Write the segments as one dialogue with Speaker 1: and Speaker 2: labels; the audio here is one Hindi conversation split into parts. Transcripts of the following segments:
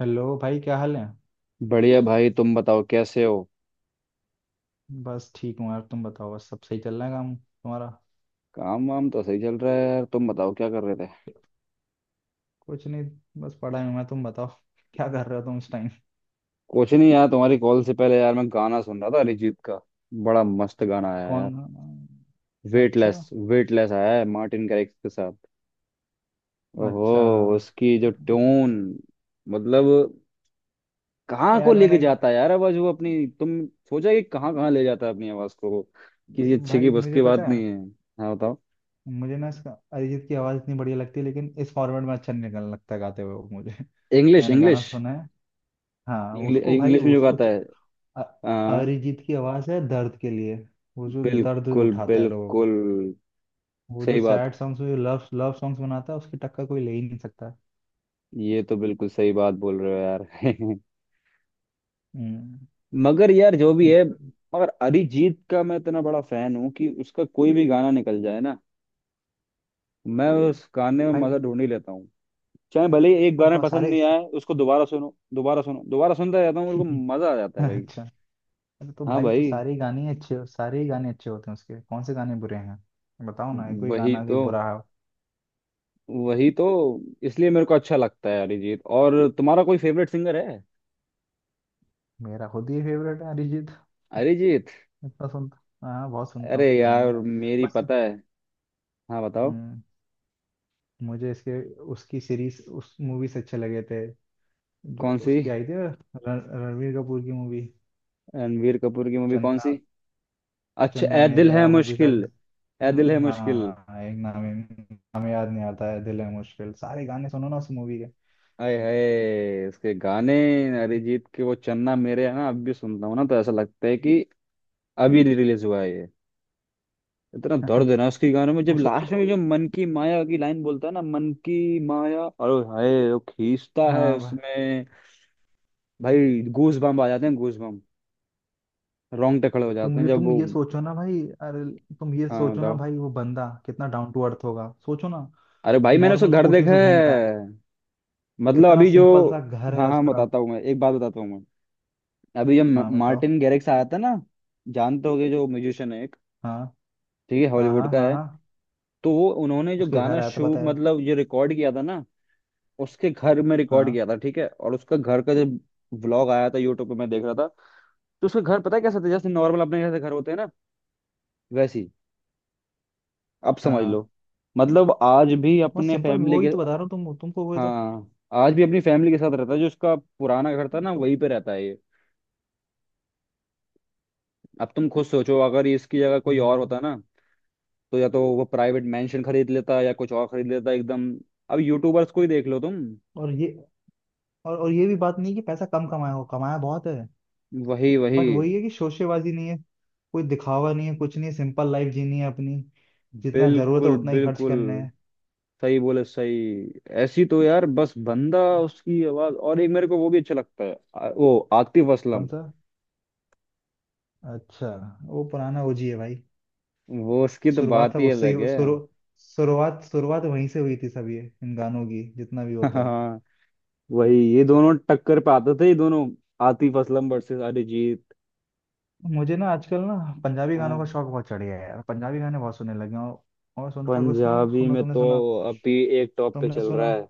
Speaker 1: हेलो भाई, क्या हाल है?
Speaker 2: बढ़िया भाई। तुम बताओ कैसे हो।
Speaker 1: बस ठीक हूँ यार, तुम बताओ। बस सब सही चल रहा है काम तुम्हारा?
Speaker 2: काम वाम तो सही चल रहा है यार। तुम बताओ क्या कर रहे थे।
Speaker 1: कुछ नहीं, बस पढ़ाई में। मैं तुम बताओ क्या कर रहे हो तुम इस टाइम?
Speaker 2: कुछ नहीं यार, तुम्हारी कॉल से पहले यार मैं गाना सुन रहा था अरिजीत का। बड़ा मस्त गाना आया
Speaker 1: कौन?
Speaker 2: यार।
Speaker 1: अच्छा
Speaker 2: वेटलेस वेटलेस आया है मार्टिन गारिक्स के साथ।
Speaker 1: अच्छा।
Speaker 2: ओहो। उसकी जो ट्यून, मतलब कहाँ को
Speaker 1: यार
Speaker 2: लेके
Speaker 1: मैंने
Speaker 2: जाता है यार आवाज वो अपनी। तुम सोचा कि कहाँ कहाँ ले जाता है अपनी आवाज को वो? किसी अच्छे की
Speaker 1: भाई
Speaker 2: बस
Speaker 1: मुझे
Speaker 2: की बात
Speaker 1: पता है।
Speaker 2: नहीं है। हाँ बताओ।
Speaker 1: मुझे ना इसका अरिजीत की आवाज़ इतनी बढ़िया लगती है, लेकिन इस फॉर्मेट में अच्छा नहीं निकलने लगता है गाते हुए वो मुझे।
Speaker 2: इंग्लिश,
Speaker 1: मैंने गाना
Speaker 2: इंग्लिश।
Speaker 1: सुना है। हाँ उसको भाई
Speaker 2: इंग्लिश में जो
Speaker 1: उसको
Speaker 2: गाता
Speaker 1: च-
Speaker 2: है।
Speaker 1: अ-
Speaker 2: हाँ।
Speaker 1: अरिजीत की आवाज़ है दर्द के लिए। वो जो दर्द
Speaker 2: बिल्कुल
Speaker 1: उठाता है लोगों का।
Speaker 2: बिल्कुल।
Speaker 1: वो जो
Speaker 2: सही बात।
Speaker 1: सैड सॉन्ग्स, जो लव लव सॉन्ग्स बनाता है, उसकी टक्कर कोई ले ही नहीं सकता।
Speaker 2: ये तो बिल्कुल सही बात बोल रहे हो यार।
Speaker 1: हम्म।
Speaker 2: मगर यार जो भी है। मगर अरिजीत का मैं इतना बड़ा फैन हूँ कि उसका कोई भी गाना निकल जाए ना, मैं उस गाने में
Speaker 1: भाई
Speaker 2: मजा ढूंढ ही लेता हूँ। चाहे भले ही एक
Speaker 1: तो
Speaker 2: बार में
Speaker 1: बहुत
Speaker 2: पसंद
Speaker 1: सारे
Speaker 2: नहीं आए, उसको दोबारा सुनो, दोबारा सुनो, दोबारा सुनता रहता हूँ मेरे को। मजा आ जाता है भाई।
Speaker 1: अच्छा। अरे तो
Speaker 2: हाँ
Speaker 1: भाई तो
Speaker 2: भाई।
Speaker 1: सारे ही गाने अच्छे होते हैं उसके। कौन से गाने बुरे हैं? बताओ ना कोई
Speaker 2: वही
Speaker 1: गाना कि
Speaker 2: तो।
Speaker 1: बुरा है।
Speaker 2: वही तो। इसलिए मेरे को अच्छा लगता है अरिजीत। और तुम्हारा कोई फेवरेट सिंगर है।
Speaker 1: मेरा खुद ही फेवरेट है अरिजीत।
Speaker 2: अरिजीत।
Speaker 1: इतना सुनता हाँ, बहुत सुनता हूँ
Speaker 2: अरे
Speaker 1: उसके गाने।
Speaker 2: यार मेरी
Speaker 1: बस।
Speaker 2: पता है। हाँ बताओ।
Speaker 1: हम्म। मुझे इसके उसकी सीरीज उस मूवी से अच्छे लगे थे, जो
Speaker 2: कौन सी।
Speaker 1: उसकी आई थी रणवीर कपूर की मूवी।
Speaker 2: रणवीर कपूर की मूवी कौन
Speaker 1: चन्दा।
Speaker 2: सी। अच्छा,
Speaker 1: चंदा
Speaker 2: ए दिल है
Speaker 1: मेरेया मूवी था।
Speaker 2: मुश्किल। ए
Speaker 1: हाँ।
Speaker 2: दिल है मुश्किल।
Speaker 1: हाँ, एक नाम नाम याद नहीं आता है। दिल है मुश्किल, सारे गाने सुनो ना उस मूवी के।
Speaker 2: आए हाय उसके गाने। अरिजीत के वो चन्ना मेरे है ना, अब भी सुनता हूँ ना तो ऐसा लगता है कि अभी रिलीज हुआ है ये। इतना दर्द है ना उसके गानों में,
Speaker 1: वो
Speaker 2: जब
Speaker 1: सोचो।
Speaker 2: लास्ट में जो मन की माया की लाइन बोलता है ना, मन की माया, और हाय वो खींचता है
Speaker 1: हाँ भाई।
Speaker 2: उसमें। भाई गूज बम्प आ जाते हैं, गूज बम्प। रोंगटे खड़े हो जाते हैं जब
Speaker 1: तुम
Speaker 2: वो।
Speaker 1: ये सोचो ना भाई। अरे तुम ये
Speaker 2: हाँ
Speaker 1: सोचो ना
Speaker 2: बताओ।
Speaker 1: भाई, वो बंदा कितना डाउन टू अर्थ होगा, सोचो ना।
Speaker 2: अरे भाई मैंने उसका
Speaker 1: नॉर्मल
Speaker 2: घर
Speaker 1: स्कूटियों
Speaker 2: देखा
Speaker 1: से घूमता
Speaker 2: है।
Speaker 1: है।
Speaker 2: मतलब
Speaker 1: इतना
Speaker 2: अभी जो,
Speaker 1: सिंपल सा घर
Speaker 2: हाँ
Speaker 1: है
Speaker 2: हाँ,
Speaker 1: उसका।
Speaker 2: बताता हूँ मैं एक बात बताता हूँ मैं। अभी जब
Speaker 1: हाँ बताओ।
Speaker 2: मार्टिन गैरिक्स आया था ना, जानते होगे जो म्यूजिशियन है एक।
Speaker 1: हाँ
Speaker 2: ठीक है,
Speaker 1: हाँ
Speaker 2: हॉलीवुड
Speaker 1: हाँ
Speaker 2: का
Speaker 1: हाँ।
Speaker 2: है।
Speaker 1: हाँ
Speaker 2: तो वो उन्होंने जो
Speaker 1: उसके घर
Speaker 2: गाना
Speaker 1: आया था,
Speaker 2: शो
Speaker 1: पता है?
Speaker 2: मतलब ये रिकॉर्ड किया था ना, उसके घर में रिकॉर्ड
Speaker 1: हाँ
Speaker 2: किया था। ठीक है। और उसका घर का जो व्लॉग आया था यूट्यूब पे, मैं देख रहा था तो उसका घर पता है कैसा था, जैसे नॉर्मल अपने जैसे घर होते हैं ना, वैसे ही। अब समझ
Speaker 1: हाँ।
Speaker 2: लो। मतलब आज भी
Speaker 1: बहुत
Speaker 2: अपने
Speaker 1: सिंपल।
Speaker 2: फैमिली
Speaker 1: वही
Speaker 2: के,
Speaker 1: तो बता रहा हूँ तुम तुमको वही तो।
Speaker 2: हाँ, आज भी अपनी फैमिली के साथ रहता है। जो उसका पुराना घर था ना
Speaker 1: तुम
Speaker 2: वहीं पे रहता है ये। अब तुम खुद सोचो, अगर इसकी जगह कोई और
Speaker 1: हम्म।
Speaker 2: होता ना, तो या तो वो प्राइवेट मेंशन खरीद लेता या कुछ और खरीद लेता एकदम। अब यूट्यूबर्स को ही देख लो तुम।
Speaker 1: और ये और ये भी बात नहीं कि पैसा कम कमाया हो, कमाया बहुत है।
Speaker 2: वही वही।
Speaker 1: बट वही है कि शोशेबाजी नहीं है। कोई दिखावा नहीं है, कुछ नहीं है। सिंपल लाइफ जीनी है अपनी। जितना जरूरत है
Speaker 2: बिल्कुल
Speaker 1: उतना ही खर्च
Speaker 2: बिल्कुल।
Speaker 1: करना है।
Speaker 2: सही बोले सही। ऐसी तो यार, बस बंदा उसकी आवाज। और एक मेरे को वो भी अच्छा लगता है वो आतिफ
Speaker 1: कौन
Speaker 2: असलम।
Speaker 1: सा? अच्छा, वो पुराना ओजी है भाई।
Speaker 2: वो उसकी तो
Speaker 1: शुरुआत
Speaker 2: बात
Speaker 1: सब
Speaker 2: ही
Speaker 1: उससे
Speaker 2: अलग
Speaker 1: ही
Speaker 2: है।
Speaker 1: शुरू शुरुआत शुरुआत वहीं से हुई थी सब ये इन गानों की, जितना भी होता है।
Speaker 2: हाँ वही। ये दोनों टक्कर पे आते थे ये दोनों। आतिफ असलम वर्सेस अरिजीत।
Speaker 1: मुझे ना आजकल ना, पंजाबी गानों
Speaker 2: हाँ।
Speaker 1: का शौक बहुत चढ़ गया है यार। पंजाबी गाने बहुत सुनने लगे हूँ। और सुनता कुछ क्यों,
Speaker 2: पंजाबी
Speaker 1: सुनो
Speaker 2: में
Speaker 1: तुमने
Speaker 2: तो
Speaker 1: सुना?
Speaker 2: अभी एक टॉप पे
Speaker 1: तुमने
Speaker 2: चल
Speaker 1: सुना?
Speaker 2: रहा है।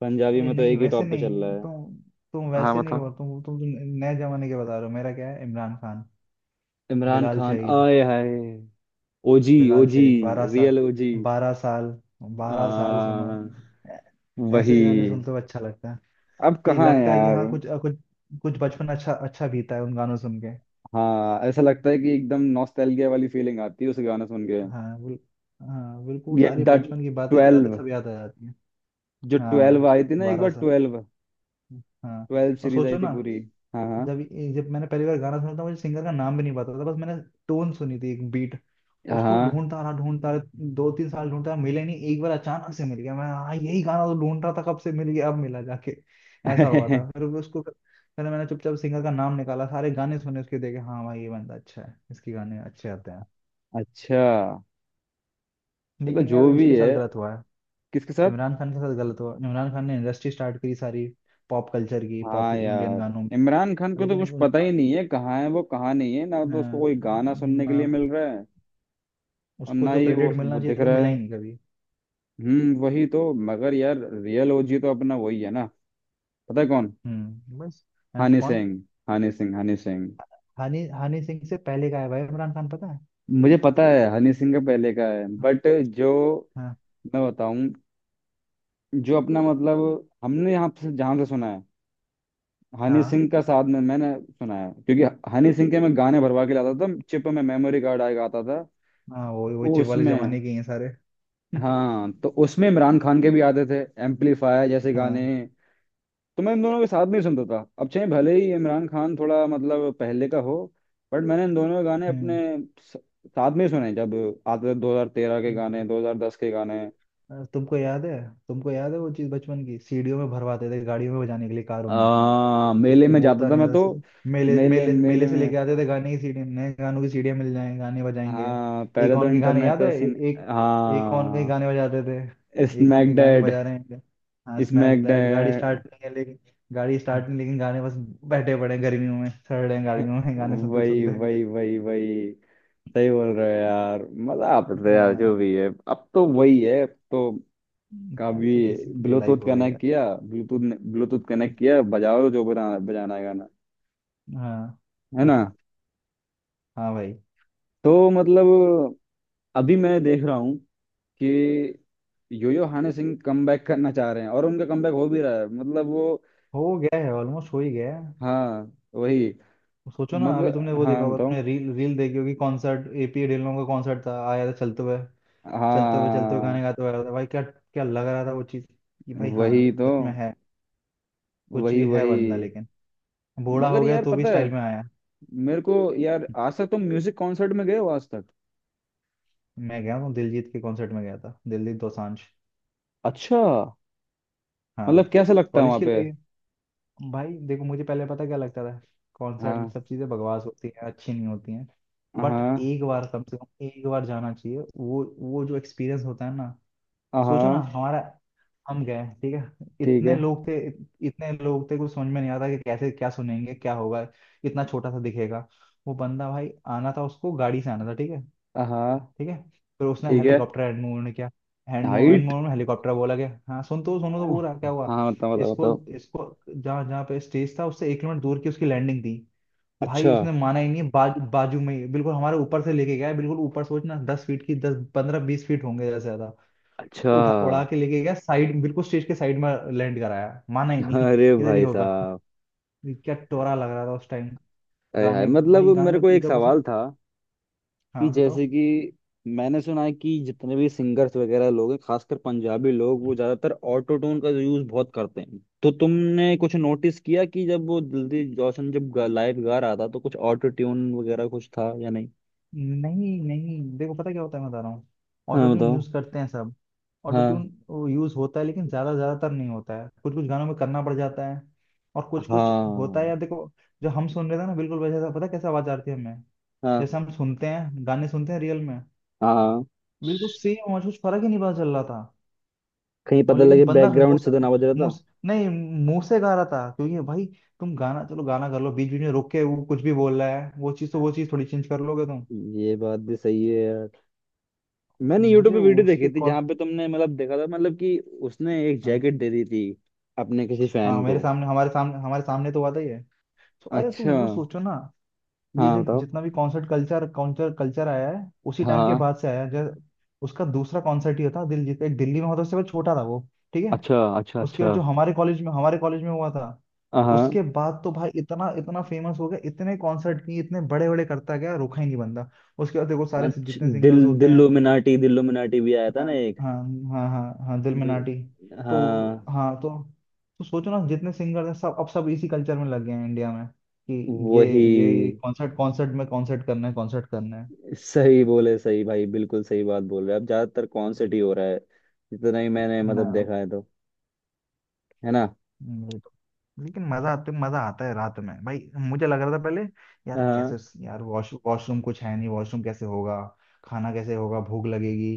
Speaker 2: पंजाबी
Speaker 1: अरे
Speaker 2: में तो
Speaker 1: नहीं,
Speaker 2: एक ही
Speaker 1: वैसे
Speaker 2: टॉप पे चल रहा
Speaker 1: नहीं।
Speaker 2: है।
Speaker 1: तुम
Speaker 2: हाँ
Speaker 1: वैसे नहीं
Speaker 2: बताओ।
Speaker 1: हो तुम तुम नए जमाने के बता रहे हो। मेरा क्या है? इमरान खान,
Speaker 2: इमरान
Speaker 1: बिलाल
Speaker 2: खान।
Speaker 1: शहीद।
Speaker 2: आए हाय। OG
Speaker 1: Bilal
Speaker 2: OG.
Speaker 1: शहीद, बारह साल,
Speaker 2: रियल ओजी।
Speaker 1: बारह साल, बारह साल
Speaker 2: आ
Speaker 1: सुनो। ऐ- ऐसे
Speaker 2: वही।
Speaker 1: गाने सुनते हुए अच्छा लगता है।
Speaker 2: अब
Speaker 1: ये
Speaker 2: कहाँ है
Speaker 1: लगता है कि
Speaker 2: यार।
Speaker 1: हाँ, कुछ कुछ, कुछ बचपन अच्छा अच्छा बीता है उन गानों सुन के।
Speaker 2: हाँ ऐसा लगता है कि एकदम नॉस्टैल्जिया वाली फीलिंग आती है उस गाना सुन के।
Speaker 1: हाँ बिल, हाँ बिल्कुल,
Speaker 2: ये
Speaker 1: सारी
Speaker 2: द
Speaker 1: बचपन की बातें, यादें
Speaker 2: ट्वेल्व,
Speaker 1: सब याद आ जाती हैं।
Speaker 2: जो ट्वेल्व
Speaker 1: हाँ,
Speaker 2: आई थी ना एक
Speaker 1: बारह
Speaker 2: बार,
Speaker 1: साल,
Speaker 2: ट्वेल्व।
Speaker 1: हाँ।
Speaker 2: ट्वेल्व
Speaker 1: और
Speaker 2: सीरीज आई
Speaker 1: सोचो
Speaker 2: थी
Speaker 1: ना,
Speaker 2: पूरी। हाँ हाँ।
Speaker 1: जब जब मैंने पहली बार गाना सुना था, मुझे सिंगर का नाम भी नहीं पता था। बस मैंने टोन सुनी थी, एक बीट। उसको
Speaker 2: हाँ।
Speaker 1: ढूंढता रहा ढूंढता रहा, दो तीन साल ढूंढता रहा, मिले नहीं। एक बार अचानक से मिल गया। मैं हाँ, यही गाना तो ढूंढ रहा था कब से, मिल गया अब, मिला जाके। ऐसा हुआ था। फिर वो उसको फिर मैंने चुपचाप सिंगर का नाम निकाला, सारे गाने सुने उसके, देखे। हाँ भाई ये बंदा अच्छा है, इसके गाने अच्छे आते हैं।
Speaker 2: अच्छा। चलो
Speaker 1: लेकिन यार
Speaker 2: जो भी
Speaker 1: उसके
Speaker 2: है।
Speaker 1: साथ गलत हुआ है।
Speaker 2: किसके साथ।
Speaker 1: इमरान खान के साथ गलत हुआ। इमरान खान ने इंडस्ट्री स्टार्ट करी सारी, पॉप कल्चर की, पॉप
Speaker 2: हाँ
Speaker 1: इंडियन
Speaker 2: यार
Speaker 1: गानों में।
Speaker 2: इमरान खान को तो
Speaker 1: लेकिन
Speaker 2: कुछ
Speaker 1: वो
Speaker 2: पता ही नहीं है, कहाँ है वो, कहाँ नहीं है। ना तो उसको कोई गाना सुनने के लिए
Speaker 1: ना-
Speaker 2: मिल रहा है और
Speaker 1: उसको
Speaker 2: ना
Speaker 1: जो
Speaker 2: ही वो,
Speaker 1: क्रेडिट मिलना
Speaker 2: वो
Speaker 1: चाहिए
Speaker 2: दिख
Speaker 1: था,
Speaker 2: रहा
Speaker 1: मिला
Speaker 2: है।
Speaker 1: ही नहीं कभी।
Speaker 2: वही तो, मगर यार रियल ओजी तो अपना वही है ना। पता है कौन,
Speaker 1: हम्म, बस। हम?
Speaker 2: हनी
Speaker 1: कौन?
Speaker 2: सिंह। हनी सिंह, हनी सिंह।
Speaker 1: हानि हानि सिंह से पहले का है भाई इमरान खान, पता है?
Speaker 2: मुझे पता है हनी सिंह का पहले का है बट, जो,
Speaker 1: हाँ
Speaker 2: मैं बताऊं, जो अपना मतलब हमने यहाँ से जहाँ से सुना है हनी
Speaker 1: हाँ
Speaker 2: सिंह का साथ में मैंने सुना है, क्योंकि हनी सिंह के मैं गाने भरवा के लाता था चिप में। मेमोरी कार्ड आएगा आता था
Speaker 1: हाँ। वो
Speaker 2: वो
Speaker 1: चिप वाले
Speaker 2: उसमें।
Speaker 1: जमाने के ही हैं सारे।
Speaker 2: हाँ, तो उसमें इमरान खान के भी आते थे, एम्पलीफायर जैसे गाने।
Speaker 1: हाँ,
Speaker 2: तो मैं इन दोनों के साथ नहीं सुनता था। अब चाहे भले ही इमरान खान थोड़ा मतलब पहले का हो, बट मैंने इन दोनों के गाने अपने
Speaker 1: हम्म।
Speaker 2: स- साथ में ही सुने, जब आते थे 2013 के गाने,
Speaker 1: अच्छा।
Speaker 2: 2010 के गाने।
Speaker 1: तुमको याद है? तुमको याद है वो चीज बचपन की, सीढ़ियों में भरवाते थे, गाड़ियों में बजाने के लिए, कारों में।
Speaker 2: आ, मेले में
Speaker 1: वो
Speaker 2: जाता
Speaker 1: तो
Speaker 2: था
Speaker 1: नहीं
Speaker 2: मैं
Speaker 1: था।
Speaker 2: तो।
Speaker 1: सिर्फ मेले
Speaker 2: मेले
Speaker 1: मेले
Speaker 2: मेले
Speaker 1: मेले से
Speaker 2: में।
Speaker 1: लेके आते थे गाने की सीडी, नए गानों की सीडियां मिल जाएंगे, गाने बजाएंगे।
Speaker 2: हाँ,
Speaker 1: एक
Speaker 2: पहले तो
Speaker 1: ऑन के गाने
Speaker 2: इंटरनेट
Speaker 1: याद है?
Speaker 2: का
Speaker 1: ए,
Speaker 2: सीन।
Speaker 1: एक एक ऑन के
Speaker 2: हाँ।
Speaker 1: गाने बजाते थे। एक ऑन के
Speaker 2: स्मैक
Speaker 1: गाने
Speaker 2: डैड।
Speaker 1: बजा रहे हैं। हाँ स्मैक
Speaker 2: स्मैक
Speaker 1: दैट। गाड़ी
Speaker 2: डैड।
Speaker 1: स्टार्ट नहीं है लेकिन। गाड़ी स्टार्ट नहीं लेकिन गाने बस। बैठे पड़े हैं गर्मियों में, सड़ रहे हैं गाड़ियों में गाने सुनते
Speaker 2: वही
Speaker 1: सुनते।
Speaker 2: वही वही वही। सही बोल रहे हो यार। मजा आप रहे हैं यार,
Speaker 1: हाँ
Speaker 2: जो भी है अब तो वही है अब तो।
Speaker 1: यार,
Speaker 2: कभी
Speaker 1: तो किसी की
Speaker 2: ब्लूटूथ
Speaker 1: लाइफ हो गई
Speaker 2: कनेक्ट
Speaker 1: यार।
Speaker 2: किया, ब्लूटूथ ब्लूटूथ कनेक्ट किया, बजाओ जो बजाना बजाना है गाना।
Speaker 1: हाँ
Speaker 2: है ना।
Speaker 1: हाँ भाई।
Speaker 2: तो मतलब अभी मैं देख रहा हूँ कि योयो हनी सिंह कमबैक करना चाह रहे हैं और उनका कमबैक हो भी रहा है, मतलब वो।
Speaker 1: हो गया है ऑलमोस्ट, हो ही गया है।
Speaker 2: हाँ वही।
Speaker 1: सोचो ना, अभी तुमने
Speaker 2: मगर
Speaker 1: वो देखा
Speaker 2: हाँ
Speaker 1: होगा,
Speaker 2: बताओ।
Speaker 1: तुमने रील रील देखी होगी। कॉन्सर्ट एपी ढिल्लों का कॉन्सर्ट था, आया था चलते हुए। चलते हुए चलते हुए
Speaker 2: हाँ।
Speaker 1: गाने गाते हुए आया था भाई। क्या क्या लग रहा था वो चीज़, कि भाई हाँ
Speaker 2: वही तो।
Speaker 1: सच में है। कुछ
Speaker 2: वही
Speaker 1: भी है
Speaker 2: वही।
Speaker 1: बंदा लेकिन बूढ़ा
Speaker 2: मगर
Speaker 1: हो गया
Speaker 2: यार
Speaker 1: तो भी
Speaker 2: पता है,
Speaker 1: स्टाइल में आया।
Speaker 2: मेरे को यार आज तक, तुम म्यूजिक कॉन्सर्ट में गए हो आज तक।
Speaker 1: मैं गया हूँ दिलजीत के कॉन्सर्ट में, गया था दिलजीत दोसांझ।
Speaker 2: अच्छा। मतलब
Speaker 1: हाँ।
Speaker 2: कैसा लगता है
Speaker 1: कॉलेज
Speaker 2: वहां
Speaker 1: की
Speaker 2: पे।
Speaker 1: लाइफ। भाई देखो, मुझे पहले पता क्या लगता था, कॉन्सर्ट
Speaker 2: हाँ
Speaker 1: सब चीज़ें बकवास होती हैं, अच्छी नहीं होती हैं। बट
Speaker 2: हाँ।
Speaker 1: एक बार, कम से कम एक बार जाना चाहिए। वो जो एक्सपीरियंस होता है ना। सोचो ना
Speaker 2: हाँ।
Speaker 1: हमारा, हम गए, ठीक है,
Speaker 2: ठीक
Speaker 1: इतने
Speaker 2: है।
Speaker 1: लोग थे, इतने लोग थे। कुछ समझ में नहीं आता कि कैसे क्या सुनेंगे क्या होगा, इतना छोटा सा दिखेगा वो बंदा। भाई आना था उसको गाड़ी से आना था, ठीक है,
Speaker 2: हाँ
Speaker 1: ठीक है। फिर उसने
Speaker 2: ठीक है।
Speaker 1: हेलीकॉप्टर हैंड मूव ने किया। Hand move, hand
Speaker 2: height.
Speaker 1: Move में हेलीकॉप्टर बोला गया। हाँ सुन तो, सुनो तो पूरा क्या हुआ।
Speaker 2: हाँ बताओ बताओ
Speaker 1: इसको
Speaker 2: बताओ।
Speaker 1: इसको जहाँ जहाँ पे स्टेज था, उससे 1 किलोमीटर दूर की उसकी लैंडिंग थी। भाई
Speaker 2: अच्छा
Speaker 1: उसने माना ही नहीं, बाजू में ही बिल्कुल हमारे ऊपर से लेके गया, बिल्कुल ऊपर। सोचना 10 फीट की, 10 15 20 फीट होंगे जैसे।
Speaker 2: अच्छा।
Speaker 1: उठा उड़ा के लेके गया साइड, बिल्कुल स्टेज के साइड में लैंड कराया। माना ही नहीं।
Speaker 2: अरे
Speaker 1: इधर ही
Speaker 2: भाई
Speaker 1: होगा।
Speaker 2: साहब।
Speaker 1: क्या टोरा लग रहा था उस टाइम।
Speaker 2: अरे हाय,
Speaker 1: गाने
Speaker 2: मतलब
Speaker 1: भाई
Speaker 2: मेरे
Speaker 1: गाने
Speaker 2: को
Speaker 1: जब
Speaker 2: एक
Speaker 1: जब उसने।
Speaker 2: सवाल था, कि
Speaker 1: हाँ
Speaker 2: जैसे
Speaker 1: बताओ।
Speaker 2: कि मैंने सुना है कि जितने भी सिंगर्स वगैरह लोग हैं, खासकर पंजाबी लोग, वो ज्यादातर ऑटो ट्यून का यूज बहुत करते हैं। तो तुमने कुछ नोटिस किया कि जब वो दिलजीत दोसांझ जब लाइव गा रहा था, तो कुछ ऑटो ट्यून वगैरह कुछ था या नहीं।
Speaker 1: नहीं नहीं, देखो पता क्या होता है, मैं बता रहा हूँ। ऑटो
Speaker 2: हाँ
Speaker 1: ट्यून
Speaker 2: बताओ।
Speaker 1: यूज करते हैं सब। ऑटो ट्यून
Speaker 2: हाँ
Speaker 1: यूज होता है, लेकिन ज्यादातर नहीं होता है। कुछ कुछ गानों में करना पड़ जाता है, और कुछ कुछ होता है
Speaker 2: हाँ
Speaker 1: यार। देखो, जो हम सुन रहे थे ना, बिल्कुल वैसा था। पता है कैसा आवाज आ रही थी हमें?
Speaker 2: हाँ
Speaker 1: जैसे हम सुनते हैं गाने, सुनते हैं रियल में।
Speaker 2: हाँ।
Speaker 1: बिल्कुल सेम आवाज, कुछ फर्क ही नहीं पता चल रहा था।
Speaker 2: कहीं
Speaker 1: और
Speaker 2: पता लगे
Speaker 1: लेकिन बंदा मुंह
Speaker 2: बैकग्राउंड से
Speaker 1: से,
Speaker 2: तो ना बज रहा था।
Speaker 1: नहीं, मुंह से गा रहा था क्योंकि भाई, तुम गाना चलो गाना कर लो बीच बीच में रोक के, वो कुछ भी बोल रहा है, वो चीज तो, वो चीज थोड़ी चेंज कर लोगे तुम।
Speaker 2: ये बात भी सही है यार। मैंने यूट्यूब
Speaker 1: मुझे
Speaker 2: पे वीडियो देखी
Speaker 1: उसके
Speaker 2: थी
Speaker 1: कॉल
Speaker 2: जहां पे तुमने मतलब देखा था, मतलब कि उसने एक
Speaker 1: हाँ
Speaker 2: जैकेट दे दी थी अपने किसी
Speaker 1: हाँ।
Speaker 2: फैन को।
Speaker 1: मेरे सामने, हमारे सामने तो बात ही है। तो अरे तुम
Speaker 2: अच्छा।
Speaker 1: वो सोचो ना, ये
Speaker 2: हाँ
Speaker 1: जो
Speaker 2: बताओ।
Speaker 1: जितना भी कॉन्सर्ट कल्चर कल्चर कल्चर आया है, उसी टाइम के
Speaker 2: हाँ।
Speaker 1: बाद से आया है जब, उसका दूसरा कॉन्सर्ट ही था। दिल्ली में होता उससे वो छोटा था वो, ठीक है।
Speaker 2: अच्छा अच्छा
Speaker 1: उसके
Speaker 2: अच्छा।
Speaker 1: बाद जो हमारे कॉलेज में हुआ था,
Speaker 2: हाँ।
Speaker 1: उसके बाद तो भाई इतना इतना फेमस हो गया, इतने कॉन्सर्ट किए, इतने बड़े बड़े करता गया, रुका ही नहीं बंदा। उसके बाद देखो सारे
Speaker 2: अच्छा
Speaker 1: जितने सिंगर्स होते हैं।
Speaker 2: दिल्लुमिनाटी, दिल्लुमिनाटी भी आया था
Speaker 1: हाँ
Speaker 2: ना एक।
Speaker 1: हाँ हाँ हाँ हाँ, दिल में
Speaker 2: दिल,
Speaker 1: नाटी। तो
Speaker 2: हाँ।
Speaker 1: हाँ, तो सोचो ना, जितने सिंगर हैं सब, अब सब इसी कल्चर में लग गए हैं इंडिया में, कि ये ये
Speaker 2: वही।
Speaker 1: कॉन्सर्ट, कॉन्सर्ट में कॉन्सर्ट करना है, कॉन्सर्ट करना है।
Speaker 2: सही बोले सही भाई, बिल्कुल सही बात बोल रहे हैं। अब ज्यादातर कॉन्सर्ट ही हो रहा है, जितना ही मैंने मतलब
Speaker 1: हाँ।
Speaker 2: देखा है तो। है ना।
Speaker 1: ये तो- लेकिन मजा आता है रात में भाई। मुझे लग रहा था पहले यार
Speaker 2: हाँ
Speaker 1: कैसे, यार वॉशरूम कुछ है नहीं, वॉशरूम कैसे होगा, खाना कैसे होगा, भूख लगेगी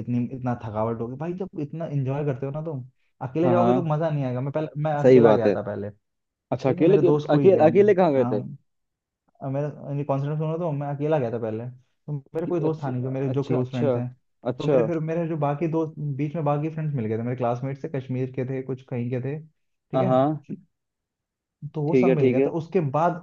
Speaker 1: इतनी इतना थकावट होगी भाई। जब इतना एंजॉय करते हो ना तुम, अकेले
Speaker 2: हाँ। हाँ,
Speaker 1: जाओगे तो
Speaker 2: हाँ।
Speaker 1: मजा नहीं आएगा। मैं पहले मैं
Speaker 2: सही
Speaker 1: अकेला
Speaker 2: बात
Speaker 1: गया
Speaker 2: है।
Speaker 1: था पहले,
Speaker 2: अच्छा
Speaker 1: ठीक है मेरे
Speaker 2: अकेले।
Speaker 1: दोस्त कोई
Speaker 2: अकेले
Speaker 1: गया नहीं।
Speaker 2: अकेले कहाँ गए
Speaker 1: हाँ
Speaker 2: थे।
Speaker 1: मेरे यानी कॉन्सर्ट सुना तो, मैं अकेला गया था पहले, तो मेरे कोई दोस्त
Speaker 2: अच्छा
Speaker 1: था नहीं जो मेरे जो
Speaker 2: अच्छा
Speaker 1: क्लोज
Speaker 2: अच्छा।
Speaker 1: फ्रेंड्स हैं। तो
Speaker 2: अच्छा।
Speaker 1: मेरे फिर मेरे जो बाकी दोस्त बीच में, बाकी फ्रेंड्स मिल गए थे मेरे, क्लासमेट से, कश्मीर के थे कुछ, कहीं के थे, ठीक
Speaker 2: हाँ
Speaker 1: है।
Speaker 2: हाँ।
Speaker 1: तो वो
Speaker 2: ठीक
Speaker 1: सब
Speaker 2: है
Speaker 1: मिल
Speaker 2: ठीक
Speaker 1: गया था
Speaker 2: है।
Speaker 1: उसके बाद।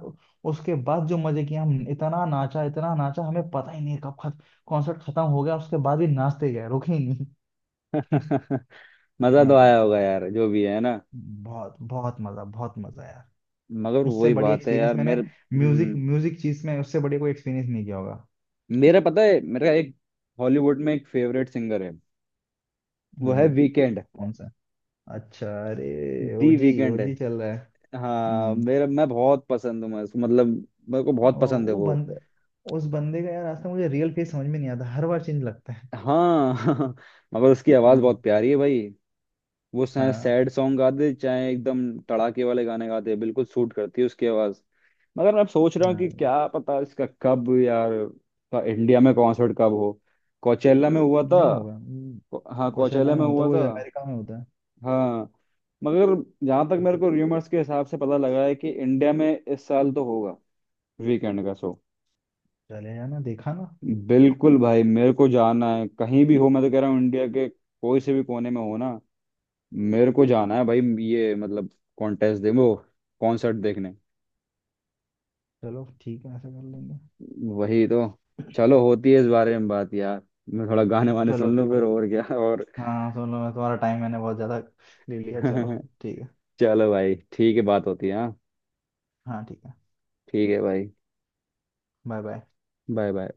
Speaker 1: उसके बाद जो मजे किए, हम इतना नाचा इतना नाचा, हमें पता ही नहीं कब कॉन्सर्ट खत्म हो गया, उसके बाद भी नाचते गए, रुके ही नहीं।
Speaker 2: मजा तो आया
Speaker 1: हाँ,
Speaker 2: होगा यार, जो भी है ना।
Speaker 1: बहुत बहुत मजा, बहुत मजा यार।
Speaker 2: मगर
Speaker 1: उससे
Speaker 2: वही
Speaker 1: बड़ी
Speaker 2: बात है
Speaker 1: एक्सपीरियंस
Speaker 2: यार
Speaker 1: मैंने
Speaker 2: मेरे।
Speaker 1: म्यूजिक
Speaker 2: हम्म।
Speaker 1: म्यूजिक चीज में उससे बढ़िया कोई एक्सपीरियंस नहीं किया होगा।
Speaker 2: मेरा पता है, मेरा एक हॉलीवुड में एक फेवरेट सिंगर है। वो है
Speaker 1: हम्म।
Speaker 2: वीकेंड।
Speaker 1: कौन सा? अच्छा अरे,
Speaker 2: दी
Speaker 1: ओजी
Speaker 2: वीकेंड है।
Speaker 1: ओजी चल रहा है।
Speaker 2: हाँ
Speaker 1: हम्म।
Speaker 2: मेरा मैं बहुत पसंद हूँ मैं उसको, मतलब मेरे को बहुत
Speaker 1: ओ,
Speaker 2: पसंद है
Speaker 1: वो
Speaker 2: वो।
Speaker 1: बंद उस बंदे का यार आज तक मुझे रियल फेस समझ में नहीं आता, हर बार चेंज लगता है।
Speaker 2: हाँ मगर उसकी आवाज़
Speaker 1: हम्म।
Speaker 2: बहुत प्यारी है भाई। वो चाहे
Speaker 1: हाँ
Speaker 2: सैड सॉन्ग गा दे, चाहे एकदम तड़ाके वाले गाने गा दे, बिल्कुल सूट करती है उसकी आवाज़। मगर मैं अब सोच रहा हूँ कि
Speaker 1: हाँ।
Speaker 2: क्या पता इसका कब यार का इंडिया में कॉन्सर्ट कब हो। कोचेला में हुआ था।
Speaker 1: नहीं होगा। हम्म।
Speaker 2: हाँ
Speaker 1: कोशेला
Speaker 2: कोचेला
Speaker 1: में
Speaker 2: में
Speaker 1: होता
Speaker 2: हुआ
Speaker 1: है वही,
Speaker 2: था।
Speaker 1: अमेरिका में होता है।
Speaker 2: हाँ। मगर जहां तक मेरे को र्यूमर्स के हिसाब से पता लगा है कि इंडिया में इस साल तो होगा, वीकेंड का शो।
Speaker 1: चले जाना, देखा ना।
Speaker 2: बिल्कुल भाई, मेरे को जाना है कहीं भी हो। मैं तो कह रहा हूँ इंडिया के कोई से भी कोने में हो ना, मेरे को जाना है भाई। ये मतलब कॉन्टेस्ट दे वो, कॉन्सर्ट देखने।
Speaker 1: चलो ठीक है, ऐसा कर लेंगे।
Speaker 2: वही तो। चलो, होती है इस बारे में बात यार। मैं थोड़ा गाने वाने
Speaker 1: चलो
Speaker 2: सुन लूँ फिर,
Speaker 1: चलो।
Speaker 2: और क्या, और।
Speaker 1: हाँ सुनो, मैं तुम्हारा टाइम मैंने बहुत ज़्यादा ले लिया, चलो ठीक है।
Speaker 2: चलो भाई ठीक है, बात होती है। हाँ
Speaker 1: हाँ ठीक है।
Speaker 2: ठीक है भाई।
Speaker 1: Bye bye.
Speaker 2: Bye bye.